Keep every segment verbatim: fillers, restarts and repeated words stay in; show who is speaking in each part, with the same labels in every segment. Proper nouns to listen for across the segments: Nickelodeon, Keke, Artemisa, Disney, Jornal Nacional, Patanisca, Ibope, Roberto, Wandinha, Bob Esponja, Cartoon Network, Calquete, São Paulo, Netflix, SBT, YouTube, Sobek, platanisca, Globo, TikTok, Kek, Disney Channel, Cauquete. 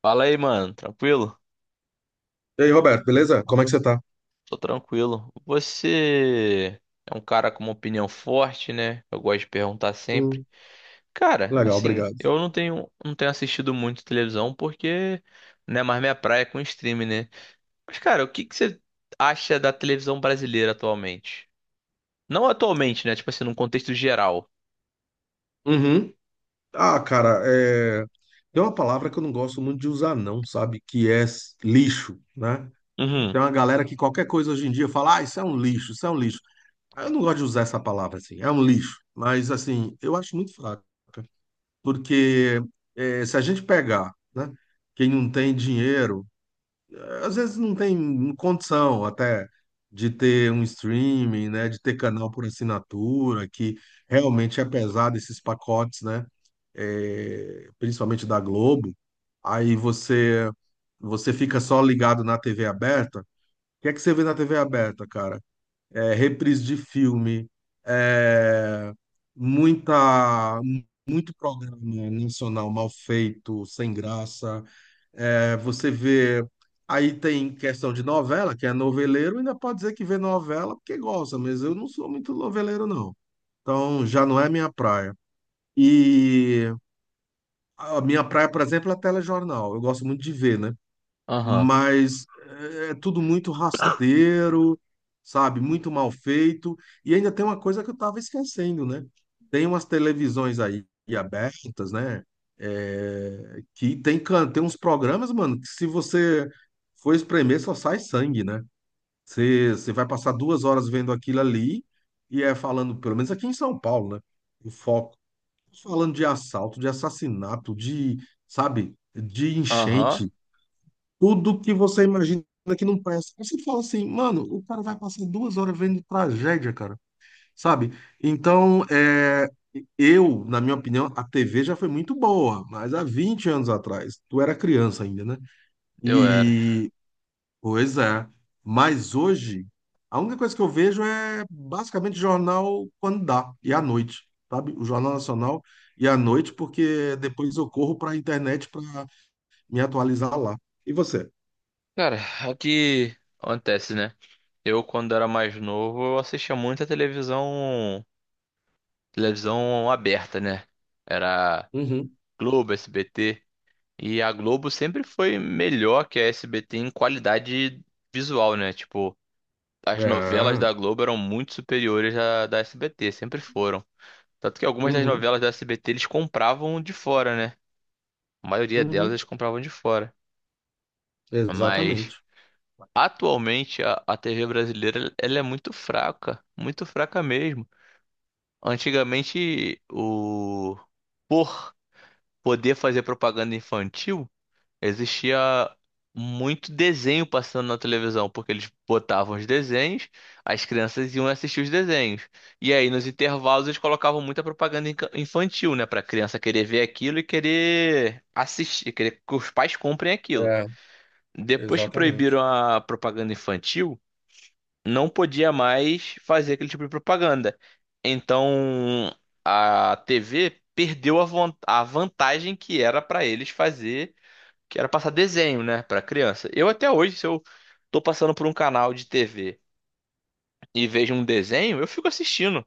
Speaker 1: Fala aí, mano. Tranquilo?
Speaker 2: E aí, Roberto, beleza? Como é que você tá?
Speaker 1: Tô tranquilo. Você é um cara com uma opinião forte, né? Eu gosto de perguntar sempre.
Speaker 2: Hum.
Speaker 1: Cara,
Speaker 2: Legal,
Speaker 1: assim,
Speaker 2: obrigado.
Speaker 1: eu não tenho, não tenho assistido muito televisão porque não é mais minha praia é com streaming, né? Mas, cara, o que que você acha da televisão brasileira atualmente? Não atualmente, né? Tipo assim, num contexto geral.
Speaker 2: Uhum. Ah, cara, é... tem uma palavra que eu não gosto muito de usar, não, sabe? Que é s- lixo, né?
Speaker 1: Uhum.
Speaker 2: Tem uma galera que qualquer coisa hoje em dia fala, ah, isso é um lixo, isso é um lixo. Ah, Eu não gosto de usar essa palavra assim, é um lixo. Mas, assim, eu acho muito fraca. Porque eh, se a gente pegar, né, quem não tem dinheiro, às vezes não tem condição até de ter um streaming, né, de ter canal por assinatura, que realmente é pesado esses pacotes, né, é, principalmente da Globo. Aí você você fica só ligado na T V aberta. O que é que você vê na T V aberta, cara? É reprise de filme, é muita muito programa nacional mal feito, sem graça. É, você vê. Aí tem questão de novela, que é noveleiro, ainda pode dizer que vê novela porque gosta, mas eu não sou muito noveleiro, não. Então já não é minha praia. E a minha praia, por exemplo, é telejornal. Eu gosto muito de ver, né?
Speaker 1: Aham.
Speaker 2: Mas é é tudo muito rasteiro, sabe? Muito mal feito. E ainda tem uma coisa que eu estava esquecendo, né? Tem umas televisões aí abertas, né? É, que tem, can- tem uns programas, mano, que se você for espremer, só sai sangue, né? Você, você vai passar duas horas vendo aquilo ali e é falando, pelo menos aqui em São Paulo, né? O foco falando de assalto, de assassinato, de, sabe, de
Speaker 1: Aham.
Speaker 2: enchente, tudo que você imagina que não presta. Aí, você fala assim, mano, o cara vai passar duas horas vendo tragédia, cara, sabe? Então, é, eu, na minha opinião, a T V já foi muito boa, mas há vinte anos atrás, tu era criança ainda, né?
Speaker 1: Eu era.
Speaker 2: E, pois é, mas hoje, a única coisa que eu vejo é basicamente jornal quando dá, e à noite, sabe? O Jornal Nacional e à noite, porque depois eu corro para a internet para me atualizar lá. E você?
Speaker 1: Cara, é o que acontece, né? Eu, quando era mais novo, eu assistia muita televisão televisão aberta, né? Era Globo, S B T. E a Globo sempre foi melhor que a S B T em qualidade visual, né? Tipo, as novelas
Speaker 2: Ah,
Speaker 1: da Globo eram muito superiores à da S B T, sempre foram. Tanto que algumas das
Speaker 2: uhum,
Speaker 1: novelas da S B T eles compravam de fora, né? A maioria delas
Speaker 2: uhum,
Speaker 1: eles compravam de fora. Mas
Speaker 2: exatamente.
Speaker 1: atualmente a, a T V brasileira ela é muito fraca, muito fraca mesmo. Antigamente o por poder fazer propaganda infantil, existia muito desenho passando na televisão, porque eles botavam os desenhos, as crianças iam assistir os desenhos. E aí, nos intervalos, eles colocavam muita propaganda inca- infantil, né? Pra criança querer ver aquilo e querer assistir, querer que os pais comprem aquilo.
Speaker 2: É,
Speaker 1: Depois que proibiram
Speaker 2: exatamente.
Speaker 1: a propaganda infantil, não podia mais fazer aquele tipo de propaganda. Então a T V perdeu a, von- a vantagem que era para eles fazer, que era passar desenho, né, para criança. Eu até hoje, se eu tô passando por um canal de T V e vejo um desenho, eu fico assistindo,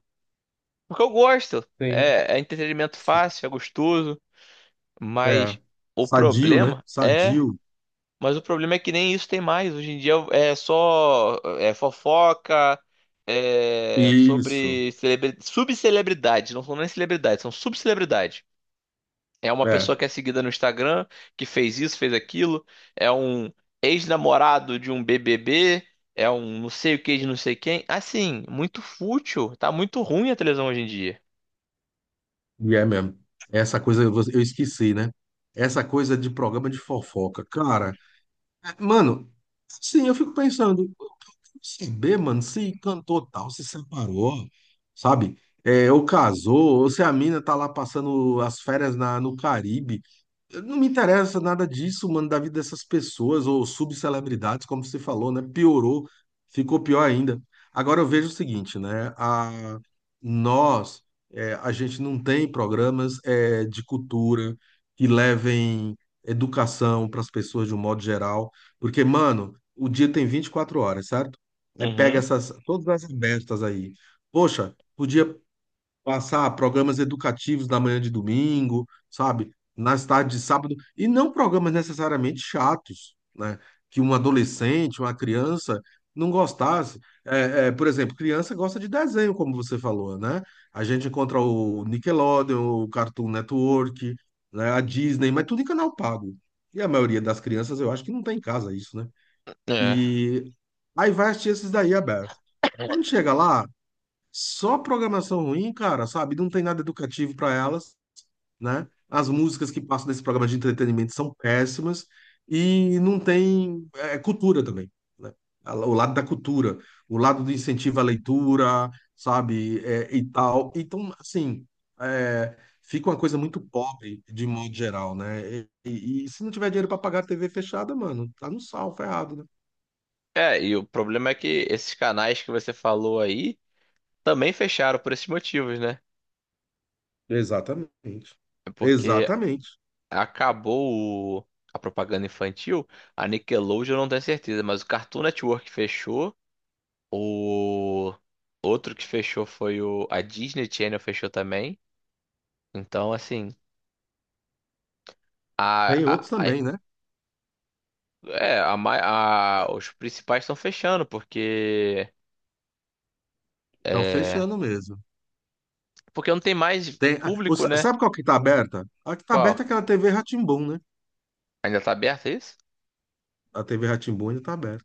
Speaker 1: porque eu gosto.
Speaker 2: Tem.
Speaker 1: É, é entretenimento
Speaker 2: Sim.
Speaker 1: fácil, é gostoso,
Speaker 2: É.
Speaker 1: mas o
Speaker 2: Sadio, né?
Speaker 1: problema é
Speaker 2: Sadio.
Speaker 1: Mas o problema é que nem isso tem mais. Hoje em dia é só é fofoca, é
Speaker 2: Isso.
Speaker 1: sobre celebre... subcelebridades. Não são nem celebridades, são subcelebridades. É uma pessoa
Speaker 2: É,
Speaker 1: que é seguida no Instagram, que fez isso, fez aquilo. É um ex-namorado de um B B B. É um não sei o que de não sei quem. Assim, muito fútil. Tá muito ruim a televisão hoje em dia.
Speaker 2: e é mesmo. Essa coisa eu eu esqueci, né? Essa coisa de programa de fofoca. Cara, é, mano, sim, eu fico pensando, saber, mano, se cantor tal se separou, sabe? É, ou casou, ou se a mina tá lá passando as férias na, no Caribe. Não me interessa nada disso, mano, da vida dessas pessoas ou subcelebridades, como você falou, né? Piorou, ficou pior ainda. Agora eu vejo o seguinte, né? A, nós, é, a gente não tem programas é, de cultura que levem educação para as pessoas de um modo geral, porque, mano, o dia tem vinte e quatro horas, certo? Aí pega
Speaker 1: Uhum.
Speaker 2: essas, todas essas bestas aí. Poxa, podia passar programas educativos na manhã de domingo, sabe? Nas tardes de sábado, e não programas necessariamente chatos, né? Que um adolescente, uma criança não gostasse. É, é, por exemplo, criança gosta de desenho, como você falou, né? A gente encontra o Nickelodeon, o Cartoon Network, né? A Disney, mas tudo em canal pago. E a maioria das crianças, eu acho que não tem em casa isso, né?
Speaker 1: É.
Speaker 2: E aí vai assistir esses daí aberto. Quando chega lá, só programação ruim, cara, sabe? Não tem nada educativo para elas, né? As músicas que passam nesse programa de entretenimento são péssimas e não tem é, cultura também, né? A- O lado da cultura, o lado do incentivo à leitura, sabe? É, e tal. Então, assim, é, fica uma coisa muito pobre de modo geral, né? E, e- e se não tiver dinheiro para pagar a T V fechada, mano, tá no sal, ferrado, né?
Speaker 1: É, e o problema é que esses canais que você falou aí também fecharam por esses motivos, né?
Speaker 2: Exatamente.
Speaker 1: É porque
Speaker 2: Exatamente.
Speaker 1: acabou o- a propaganda infantil, a Nickelodeon eu não tenho certeza, mas o Cartoon Network fechou, o outro que fechou foi o a Disney Channel fechou também. Então, assim,
Speaker 2: Tem
Speaker 1: a,
Speaker 2: outros
Speaker 1: a, a-
Speaker 2: também, né?
Speaker 1: é, a, mai- a- os principais estão fechando porque
Speaker 2: Estão
Speaker 1: é,
Speaker 2: fechando mesmo.
Speaker 1: porque não tem mais
Speaker 2: Tem, ah, o
Speaker 1: público, né?
Speaker 2: sabe qual que tá aberta? A que tá aberta
Speaker 1: Qual?
Speaker 2: é aquela T V rá tim, né?
Speaker 1: Ainda tá aberto é isso?
Speaker 2: A T V rá tim ainda tá aberta.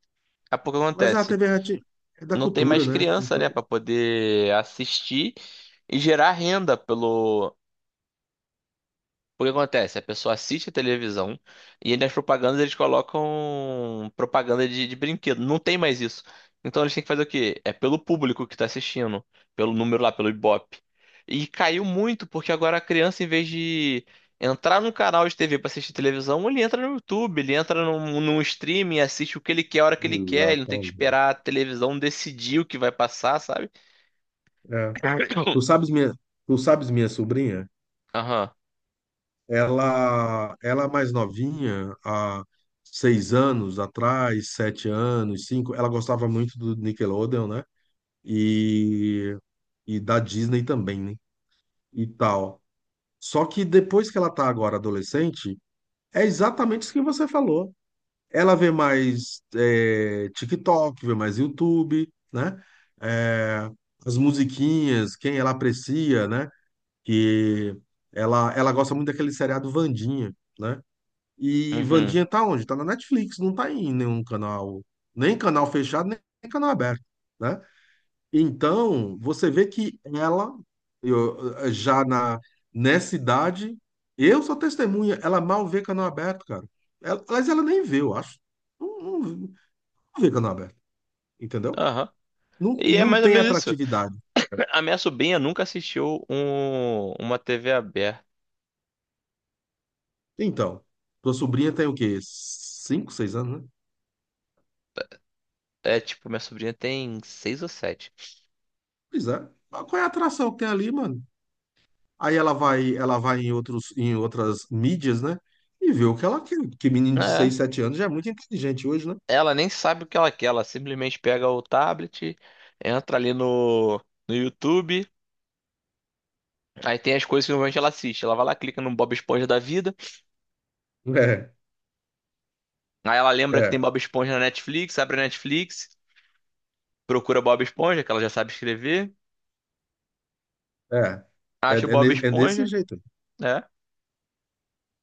Speaker 1: É porque
Speaker 2: Mas é a
Speaker 1: acontece,
Speaker 2: T V rá é da
Speaker 1: não tem
Speaker 2: cultura,
Speaker 1: mais
Speaker 2: né?
Speaker 1: criança, né,
Speaker 2: Então.
Speaker 1: para poder assistir e gerar renda pelo O que acontece? A pessoa assiste a televisão e aí nas propagandas eles colocam propaganda de, de brinquedo. Não tem mais isso. Então eles têm que fazer o quê? É pelo público que tá assistindo, pelo número lá, pelo Ibope. E caiu muito, porque agora a criança, em vez de entrar num canal de T V pra assistir televisão, ele entra no YouTube, ele entra num, num streaming, assiste o que ele quer, a hora que ele quer, ele não tem que
Speaker 2: Exatamente.
Speaker 1: esperar a televisão decidir o que vai passar, sabe?
Speaker 2: É. Tu sabes minha, tu sabes minha sobrinha?
Speaker 1: Aham.
Speaker 2: Ela, ela é mais novinha, há seis anos atrás, sete anos, cinco, ela gostava muito do Nickelodeon, né? E, e da Disney também, né? E tal. Só que depois que ela tá agora adolescente, é exatamente isso que você falou. Ela vê mais é, TikTok, vê mais YouTube, né? É, as musiquinhas, quem ela aprecia, né? Que ela, ela gosta muito daquele seriado Wandinha, né? E
Speaker 1: Uhum.
Speaker 2: Wandinha tá onde? Tá na Netflix, não tá em nenhum canal, nem canal fechado, nem canal aberto, né? Então, você vê que ela, eu, eh, já na, nessa idade, eu sou testemunha, ela mal vê canal aberto, cara. Ela, aliás, ela nem vê, eu acho. Não, não, não vê canal aberto, entendeu?
Speaker 1: Aham.
Speaker 2: Não,
Speaker 1: E é
Speaker 2: não
Speaker 1: mais ou
Speaker 2: tem
Speaker 1: menos isso.
Speaker 2: atratividade.
Speaker 1: A minha sobrinha nunca assistiu um, uma T V aberta.
Speaker 2: Então, tua sobrinha tem o quê? Cinco, seis anos, né?
Speaker 1: É tipo, minha sobrinha tem seis ou sete.
Speaker 2: Pois é. Mas qual é a atração que tem ali, mano? Aí ela vai, ela vai em outros, em outras mídias, né? E vê o que ela quer. Porque menino de
Speaker 1: É.
Speaker 2: seis, sete anos já é muito inteligente hoje, né?
Speaker 1: Ela nem sabe o que ela quer. Ela simplesmente pega o tablet, entra ali no, no YouTube. Aí tem as coisas que normalmente ela assiste. Ela vai lá, clica no Bob Esponja da vida. Aí ela
Speaker 2: É,
Speaker 1: lembra que tem
Speaker 2: é.
Speaker 1: Bob Esponja na Netflix, abre a Netflix, procura Bob Esponja, que ela já sabe escrever.
Speaker 2: É, é,
Speaker 1: Acha o
Speaker 2: é,
Speaker 1: Bob
Speaker 2: ne- é desse
Speaker 1: Esponja.
Speaker 2: jeito,
Speaker 1: É.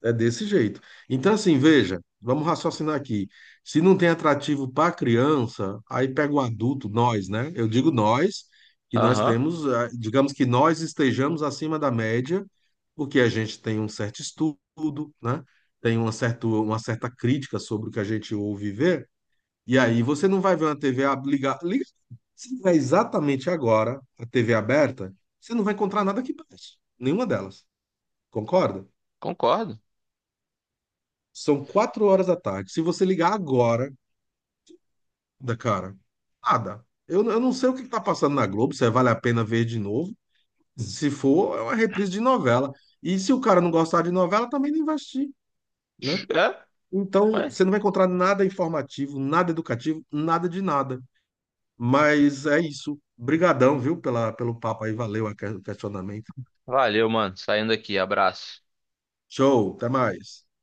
Speaker 2: é desse jeito. Então, assim, veja, vamos raciocinar aqui. Se não tem atrativo para criança, aí pega o adulto, nós, né? Eu digo nós, que nós
Speaker 1: Aham.
Speaker 2: temos, ah, digamos que nós estejamos acima da média, porque a gente tem um certo estudo, né? Tem uma certa, uma certa crítica sobre o que a gente ouve e vê, e aí você não vai ver uma T V ab- ligar. liga- Se tiver exatamente agora a T V aberta, você não vai encontrar nada que preste, nenhuma delas. Concorda?
Speaker 1: Concordo.
Speaker 2: São quatro horas da tarde. Se você ligar agora, da cara, nada. Eu, eu não sei o que está passando na Globo, se é vale a pena ver de novo. Se for, é uma reprise de novela. E se o cara não gostar de novela, também não investir, né?
Speaker 1: É.
Speaker 2: Então,
Speaker 1: Mas...
Speaker 2: você não vai encontrar nada informativo, nada educativo, nada de nada. Mas é isso. Brigadão, viu, pela, pelo papo aí. Valeu o questionamento.
Speaker 1: Valeu, mano. Saindo aqui. Abraço.
Speaker 2: Show, até mais.